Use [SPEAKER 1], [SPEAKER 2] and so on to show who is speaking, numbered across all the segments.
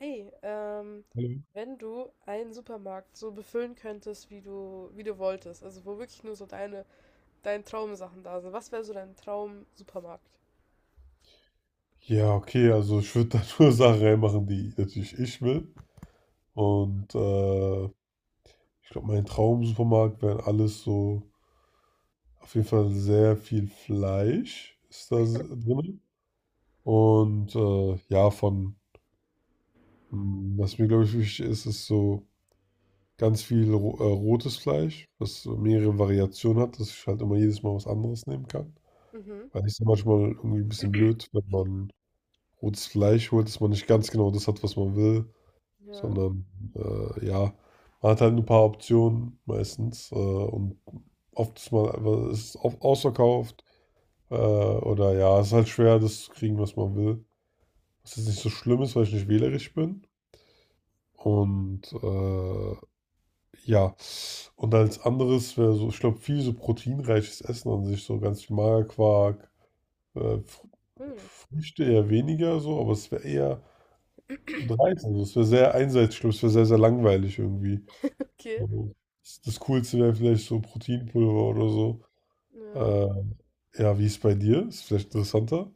[SPEAKER 1] Hey,
[SPEAKER 2] Hallo.
[SPEAKER 1] wenn du einen Supermarkt so befüllen könntest, wie du wolltest, also wo wirklich nur so deine Traumsachen da sind, was wäre so dein Traum-Supermarkt?
[SPEAKER 2] Ja, okay, also ich würde da nur Sachen reinmachen, die natürlich ich will. Und äh, Ich glaube, mein Traumsupermarkt wären alles so, auf jeden Fall sehr viel Fleisch ist da drin. Und ja, was mir glaube ich wichtig ist, ist so ganz viel ro rotes Fleisch, was so mehrere Variationen hat, dass ich halt immer jedes Mal was anderes nehmen kann.
[SPEAKER 1] Mhm.
[SPEAKER 2] Weil ich es manchmal irgendwie ein bisschen blöd, wenn man rotes Fleisch holt, dass man nicht ganz genau das hat, was man will,
[SPEAKER 1] Ja.
[SPEAKER 2] sondern ja, man hat halt ein paar Optionen meistens, und oft ist man, aber es ist oft ausverkauft, oder ja, es ist halt schwer, das zu kriegen, was man will. Was jetzt nicht so schlimm ist, weil ich nicht wählerisch bin. Und äh, ja, und als anderes wäre so, ich glaube, viel so proteinreiches Essen an sich, so ganz viel Magerquark, Fr
[SPEAKER 1] Hm.
[SPEAKER 2] Früchte eher weniger so, aber es wäre eher und Reis, also es wäre sehr einseitig, ich glaube, es wäre sehr, sehr langweilig irgendwie.
[SPEAKER 1] Okay.
[SPEAKER 2] Mhm. Das Coolste wäre vielleicht so Proteinpulver oder so.
[SPEAKER 1] Ja.
[SPEAKER 2] Ähm, ja, wie ist es bei dir? Ist vielleicht interessanter.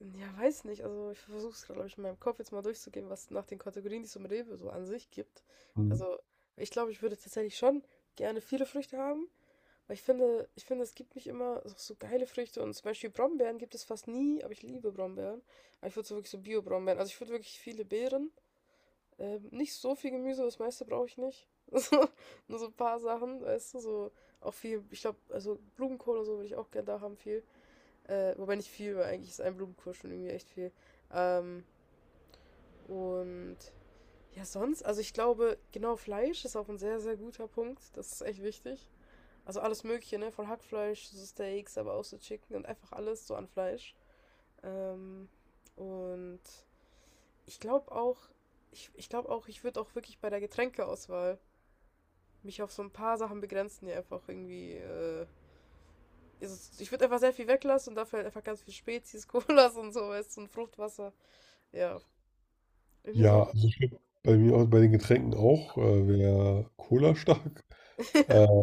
[SPEAKER 1] Ja, weiß nicht. Also ich versuche es, glaube ich, in meinem Kopf jetzt mal durchzugehen, was nach den Kategorien, die es im Rewe so an sich gibt.
[SPEAKER 2] Mhm.
[SPEAKER 1] Also ich glaube, ich würde tatsächlich schon gerne viele Früchte haben. Aber ich finde, es gibt nicht immer so geile Früchte. Und zum Beispiel Brombeeren gibt es fast nie, aber ich liebe Brombeeren. Aber ich würde so wirklich so Bio-Brombeeren. Also ich würde wirklich viele Beeren. Nicht so viel Gemüse, das meiste brauche ich nicht. So, nur so ein paar Sachen, weißt du, so auch viel, ich glaube, also Blumenkohl und so würde ich auch gerne da haben, viel. Wobei nicht viel, weil eigentlich ist ein Blumenkohl schon irgendwie echt viel. Ähm, und ja, sonst, also ich glaube, genau, Fleisch ist auch ein sehr, sehr guter Punkt. Das ist echt wichtig. Also alles Mögliche, ne? Von Hackfleisch, so Steaks, aber auch so Chicken und einfach alles so an Fleisch. Ähm, und Ich glaube auch, ich glaube auch, ich würde auch wirklich bei der Getränkeauswahl mich auf so ein paar Sachen begrenzen, die einfach irgendwie. Ich würde einfach sehr viel weglassen und dafür halt einfach ganz viel Spezies, Colas und sowas und Fruchtwasser. Ja, irgendwie
[SPEAKER 2] Ja, also
[SPEAKER 1] sowas.
[SPEAKER 2] ich glaube, bei mir auch, bei den Getränken auch, wäre Cola stark. Äh,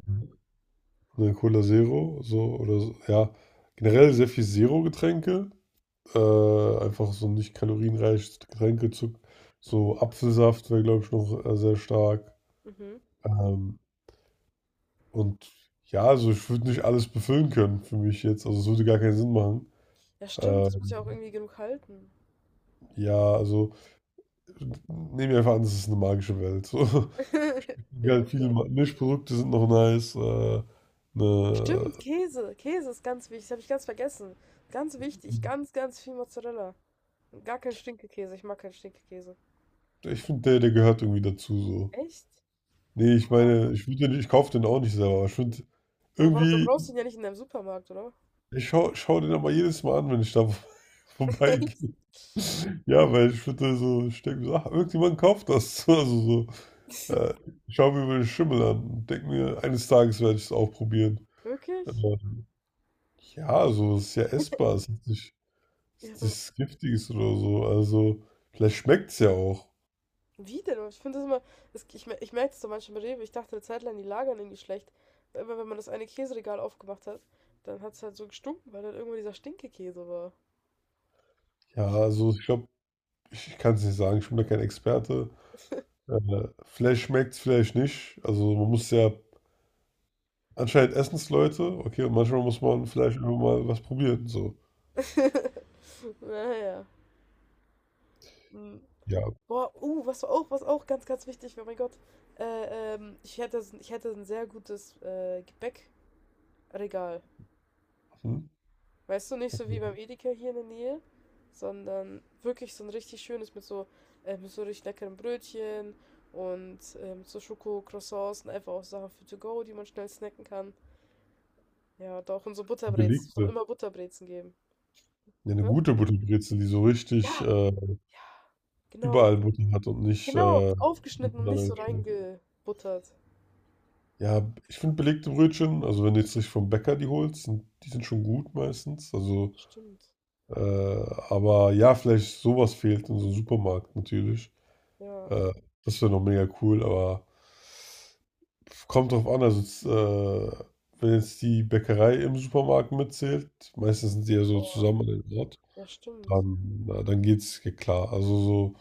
[SPEAKER 2] ne, Cola Zero, so oder so. Ja, generell sehr viel Zero-Getränke. Einfach so nicht kalorienreiches Getränke. So Apfelsaft wäre, glaube ich, noch sehr stark.
[SPEAKER 1] Mhm.
[SPEAKER 2] Ähm, und ja, also ich würde nicht alles befüllen können für mich jetzt. Also es würde gar keinen Sinn machen.
[SPEAKER 1] Ja, stimmt, das muss ja auch
[SPEAKER 2] Ähm,
[SPEAKER 1] irgendwie genug halten.
[SPEAKER 2] ja, also nehmen wir einfach an, es ist eine magische Welt. So,
[SPEAKER 1] Ja,
[SPEAKER 2] ja, viele
[SPEAKER 1] okay.
[SPEAKER 2] Mischprodukte sind noch nice. Ne,
[SPEAKER 1] Stimmt, Käse. Käse ist ganz wichtig. Das habe ich ganz vergessen. Ganz wichtig. Ganz, ganz viel Mozzarella. Und gar kein Stinkekäse. Ich mag keinen Stinkekäse.
[SPEAKER 2] ich finde, der gehört irgendwie dazu. So.
[SPEAKER 1] Echt?
[SPEAKER 2] Nee, ich
[SPEAKER 1] Aber,
[SPEAKER 2] meine, würd den, ich kaufe den auch nicht selber, aber ich finde
[SPEAKER 1] ja, aber warum, du
[SPEAKER 2] irgendwie,
[SPEAKER 1] brauchst ihn ja nicht in deinem Supermarkt, oder?
[SPEAKER 2] ich schau den aber jedes Mal an, wenn ich da
[SPEAKER 1] Echt?
[SPEAKER 2] vorbeigehe. Ja, weil ich würde so, ich denke mir so, ach, irgendjemand kauft das. Also so, äh, ich schaue mir über den Schimmel an und denke mir, eines Tages werde ich es auch probieren.
[SPEAKER 1] Wirklich?
[SPEAKER 2] Ähm, Ja, also es ist ja essbar, es
[SPEAKER 1] Ja,
[SPEAKER 2] ist
[SPEAKER 1] aber
[SPEAKER 2] nichts Giftiges oder so. Also vielleicht schmeckt es ja auch.
[SPEAKER 1] wie denn? Ich finde das immer, das, ich merke das so manchmal bei Rewe. Ich dachte eine Zeit lang, die lagern irgendwie schlecht. Weil immer, wenn man das eine Käseregal aufgemacht hat, dann hat es halt so gestunken, weil dann irgendwo dieser Stinkekäse war.
[SPEAKER 2] Ja,
[SPEAKER 1] Ich,
[SPEAKER 2] also ich glaube, ich kann es nicht sagen, ich bin da kein Experte. Vielleicht schmeckt es, vielleicht nicht. Also anscheinend essen es Leute, okay, und manchmal muss man vielleicht einfach mal was probieren. So,
[SPEAKER 1] naja. Hm.
[SPEAKER 2] ja,
[SPEAKER 1] Was auch, was auch ganz, ganz wichtig war, mein Gott. Ich hätte ein sehr gutes Gebäckregal.
[SPEAKER 2] hm.
[SPEAKER 1] Weißt du, nicht so wie beim Edeka hier in der Nähe, sondern wirklich so ein richtig schönes mit so richtig leckeren Brötchen und mit so Schoko-Croissants und einfach auch Sachen für to go, die man schnell snacken kann. Ja, doch, und so Butterbrezen. Es muss doch
[SPEAKER 2] Belegte.
[SPEAKER 1] immer Butterbrezen geben.
[SPEAKER 2] Ja, eine
[SPEAKER 1] Ne?
[SPEAKER 2] gute Butterbrezel, die so richtig
[SPEAKER 1] Ja,
[SPEAKER 2] äh,
[SPEAKER 1] genau.
[SPEAKER 2] überall Butter hat und nicht
[SPEAKER 1] Genau,
[SPEAKER 2] äh,
[SPEAKER 1] aufgeschnitten und nicht so reingebuttert.
[SPEAKER 2] ja, ich finde belegte Brötchen, also wenn du jetzt nicht vom Bäcker die holst, die sind schon gut meistens. Also,
[SPEAKER 1] Stimmt.
[SPEAKER 2] äh, aber ja, vielleicht sowas fehlt in so einem Supermarkt natürlich.
[SPEAKER 1] Ja.
[SPEAKER 2] Äh, Das wäre noch mega cool, aber kommt drauf an. Also, wenn jetzt die Bäckerei im Supermarkt mitzählt, meistens sind die ja so
[SPEAKER 1] Boah.
[SPEAKER 2] zusammen an einem Ort,
[SPEAKER 1] Ja, stimmt.
[SPEAKER 2] dann, na, dann geht's ja klar. Also so,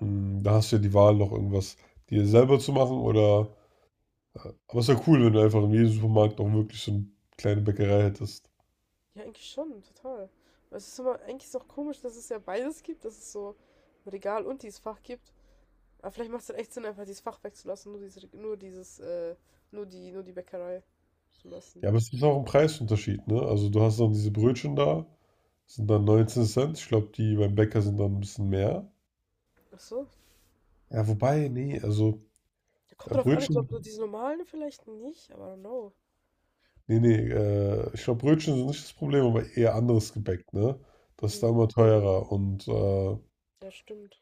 [SPEAKER 2] mh, da hast du ja die Wahl, noch irgendwas dir selber zu machen, oder aber es ist ja cool, wenn du einfach in jedem Supermarkt auch wirklich so eine kleine Bäckerei hättest.
[SPEAKER 1] Ja, eigentlich schon, total. Aber es ist immer, eigentlich ist auch komisch, dass es ja beides gibt, dass es so ein Regal und dieses Fach gibt. Aber vielleicht macht es dann echt Sinn, einfach dieses Fach wegzulassen, nur dieses, nur die Bäckerei zu lassen.
[SPEAKER 2] Ja, aber es ist auch ein Preisunterschied, ne? Also du hast dann diese Brötchen da, sind dann 19 Cent. Ich glaube, die beim Bäcker sind dann ein bisschen mehr.
[SPEAKER 1] Ach so.
[SPEAKER 2] Ja, wobei, nee, also
[SPEAKER 1] Ja, kommt
[SPEAKER 2] äh,
[SPEAKER 1] drauf an, ich glaube,
[SPEAKER 2] Brötchen,
[SPEAKER 1] diese normalen vielleicht nicht, aber I don't know.
[SPEAKER 2] ich glaube, Brötchen sind nicht das Problem, aber eher anderes Gebäck, ne? Das ist dann
[SPEAKER 1] Mhm.
[SPEAKER 2] immer teurer und
[SPEAKER 1] Ja, stimmt.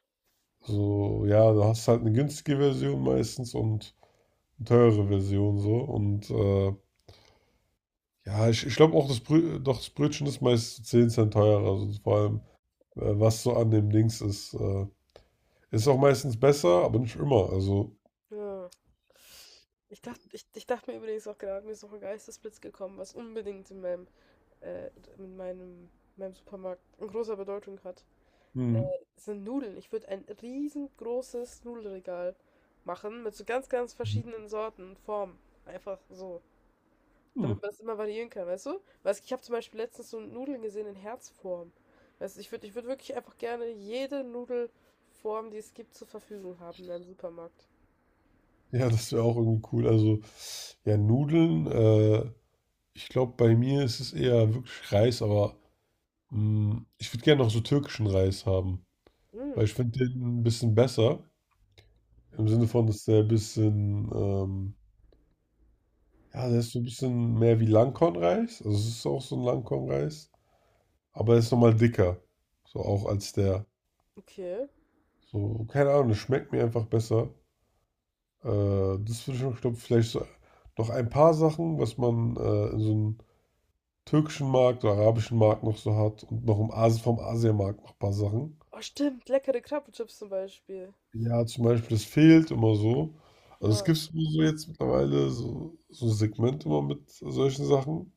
[SPEAKER 2] so, ja, du hast halt eine günstige Version meistens und eine teure Version so und ja, ich glaube auch, das, Brö doch, das Brötchen ist meist 10 Cent teurer. Also vor allem, was so an dem Dings ist. Ist auch meistens besser, aber nicht immer. Also,
[SPEAKER 1] Ja. Ich dachte, ich dachte mir übrigens auch gerade, mir ist noch ein Geistesblitz gekommen, was unbedingt in äh, in meinem, meinem Supermarkt eine große Bedeutung hat. Äh,
[SPEAKER 2] hm.
[SPEAKER 1] Sind Nudeln. Ich würde ein riesengroßes Nudelregal machen mit so ganz, ganz verschiedenen Sorten, Formen. Einfach so.
[SPEAKER 2] Hm.
[SPEAKER 1] Damit man es immer variieren kann, weißt du? Weißt, ich habe zum Beispiel letztens so Nudeln gesehen in Herzform. Weißt du, ich würd wirklich einfach gerne jede Nudelform, die es gibt, zur Verfügung haben in einem Supermarkt.
[SPEAKER 2] Ja, das wäre auch irgendwie cool. Also, ja, ich glaube, bei mir ist es eher wirklich Reis, aber hm, ich würde gerne noch so türkischen Reis haben. Weil
[SPEAKER 1] Hm,
[SPEAKER 2] ich finde den ein bisschen besser. Im Sinne von, dass der ein bisschen, ja, der ist so ein bisschen mehr wie Langkornreis. Also, es ist auch so ein Langkornreis. Aber es ist nochmal dicker. So auch als der.
[SPEAKER 1] okay.
[SPEAKER 2] So, keine Ahnung, das schmeckt mir einfach besser. Äh, Das würde ich noch, glaube vielleicht so noch ein paar Sachen, was man in so einem türkischen Markt oder arabischen Markt noch so hat und noch im Asien, vom Asienmarkt noch ein paar Sachen.
[SPEAKER 1] Oh, stimmt, leckere Krabbenchips zum Beispiel.
[SPEAKER 2] Ja, zum Beispiel, das fehlt immer so. Also es
[SPEAKER 1] Ja.
[SPEAKER 2] gibt so jetzt mittlerweile so, so ein Segment immer mit solchen Sachen.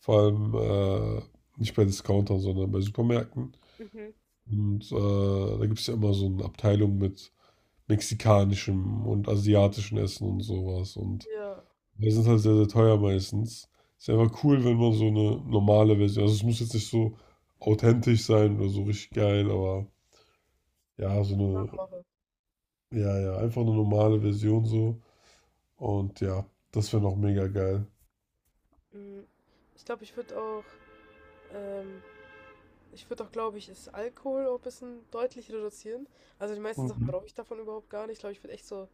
[SPEAKER 2] Vor allem äh, nicht bei Discountern, sondern bei Supermärkten.
[SPEAKER 1] Mhm.
[SPEAKER 2] Und da gibt es ja immer so eine Abteilung mit mexikanischem und asiatischem Essen und sowas. Und
[SPEAKER 1] Ja,
[SPEAKER 2] die sind halt sehr, sehr teuer meistens. Ist einfach cool, wenn man so eine normale Version, also es muss jetzt nicht so authentisch sein oder so richtig geil, aber ja, so eine,
[SPEAKER 1] nachmache.
[SPEAKER 2] ja, ja, einfach eine normale Version so. Und ja, das wäre noch mega geil.
[SPEAKER 1] Mhm. Ich glaube, ich würde auch ähm, glaube ich, das Alkohol auch ein bisschen deutlich reduzieren. Also die meisten Sachen
[SPEAKER 2] Mhm.
[SPEAKER 1] brauche ich davon überhaupt gar nicht. Ich glaube, ich würde echt so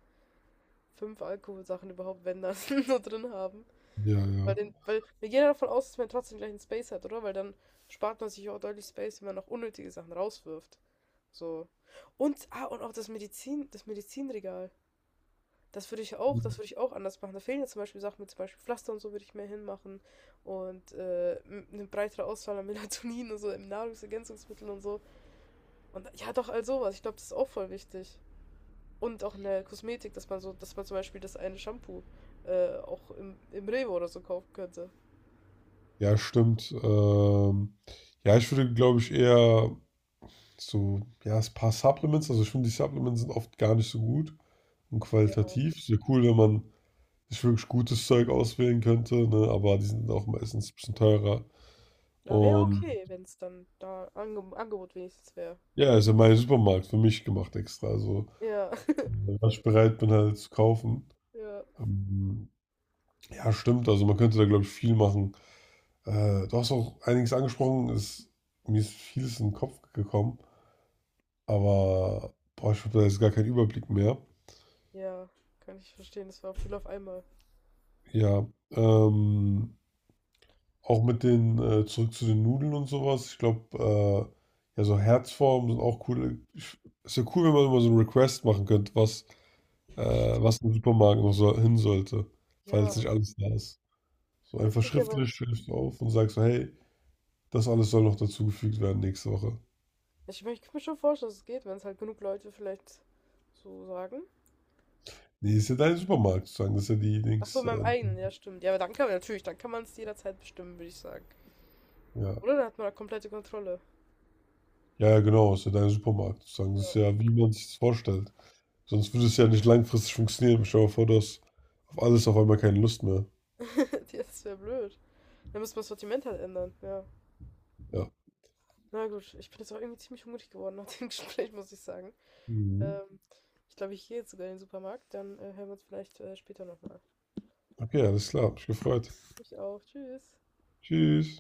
[SPEAKER 1] fünf Alkoholsachen überhaupt, wenn das, so drin haben.
[SPEAKER 2] Ja, ja.
[SPEAKER 1] Weil wir gehen ja davon aus, dass man trotzdem gleich einen Space hat, oder? Weil dann spart man sich auch deutlich Space, wenn man noch unnötige Sachen rauswirft. So. Und auch das Medizin, das Medizinregal. Das würde ich auch, das würde ich auch anders machen. Da fehlen ja zum Beispiel Sachen mit zum Beispiel Pflaster und so würde ich mehr hinmachen. Und eine breitere Auswahl an Melatonin und so, im Nahrungsergänzungsmitteln und so. Und ja, doch, all sowas. Ich glaube, das ist auch voll wichtig. Und auch in der Kosmetik, dass man so, dass man zum Beispiel das eine Shampoo im Rewe oder so kaufen könnte.
[SPEAKER 2] Ja, stimmt. Ja, ich würde, glaube ich, eher so, ja, ein paar Supplements. Also ich finde, die Supplements sind oft gar nicht so gut und
[SPEAKER 1] Ja,
[SPEAKER 2] qualitativ. Sehr cool, wenn man sich wirklich gutes Zeug auswählen könnte, ne? Aber die sind auch meistens ein bisschen teurer.
[SPEAKER 1] da wäre
[SPEAKER 2] Und
[SPEAKER 1] okay, wenn es dann da Angebot wenigstens wäre.
[SPEAKER 2] ja, ist ja mein Supermarkt für mich gemacht extra. Also,
[SPEAKER 1] Ja,
[SPEAKER 2] was ich bereit bin, halt zu kaufen.
[SPEAKER 1] ja,
[SPEAKER 2] Ähm, ja, stimmt. Also, man könnte da, glaube ich, viel machen. Du hast auch einiges angesprochen. Mir ist vieles in den Kopf gekommen. Aber, boah, ich habe da jetzt gar keinen Überblick mehr.
[SPEAKER 1] ja, kann ich verstehen. Das war auch viel auf einmal.
[SPEAKER 2] Ja, ähm, auch mit den, zurück zu den Nudeln und sowas. Ich glaube, ja, so Herzformen sind auch cool. Ich, ist ja cool, wenn man immer so einen Request machen könnte, was im Supermarkt noch so hin sollte,
[SPEAKER 1] Ja,
[SPEAKER 2] falls nicht alles da ist. So
[SPEAKER 1] das
[SPEAKER 2] einfach
[SPEAKER 1] geht ja, weil
[SPEAKER 2] schriftlich schreibst du auf und sagst so, hey, das alles soll noch dazugefügt werden nächste Woche.
[SPEAKER 1] ich kann mir schon vorstellen, dass es geht, wenn es halt genug Leute vielleicht so sagen.
[SPEAKER 2] Nee, ist ja dein Supermarkt sozusagen. Das ist ja die
[SPEAKER 1] Ach so,
[SPEAKER 2] Dings,
[SPEAKER 1] in meinem
[SPEAKER 2] äh,
[SPEAKER 1] eigenen, ja, stimmt. Ja, aber dann kann man natürlich, dann kann man es jederzeit bestimmen, würde ich sagen.
[SPEAKER 2] Ja.
[SPEAKER 1] Oder dann hat man da komplette Kontrolle.
[SPEAKER 2] Ja, ja, genau, ist ja dein Supermarkt sozusagen. Das ist
[SPEAKER 1] Ja.
[SPEAKER 2] ja, wie man sich das vorstellt. Sonst würde es ja nicht langfristig funktionieren. Stell dir mal vor, du hast auf alles auf einmal keine Lust mehr.
[SPEAKER 1] Das wäre blöd. Dann müssen wir das Sortiment halt ändern, ja.
[SPEAKER 2] Ja.
[SPEAKER 1] Na gut, ich bin jetzt auch irgendwie ziemlich hungrig geworden nach dem Gespräch, muss ich sagen.
[SPEAKER 2] Mhm.
[SPEAKER 1] Ähm, Ich glaube, ich gehe jetzt sogar in den Supermarkt, dann hören wir uns vielleicht später nochmal.
[SPEAKER 2] Okay, alles klar. Hab mich gefreut.
[SPEAKER 1] Ich auch, tschüss.
[SPEAKER 2] Tschüss.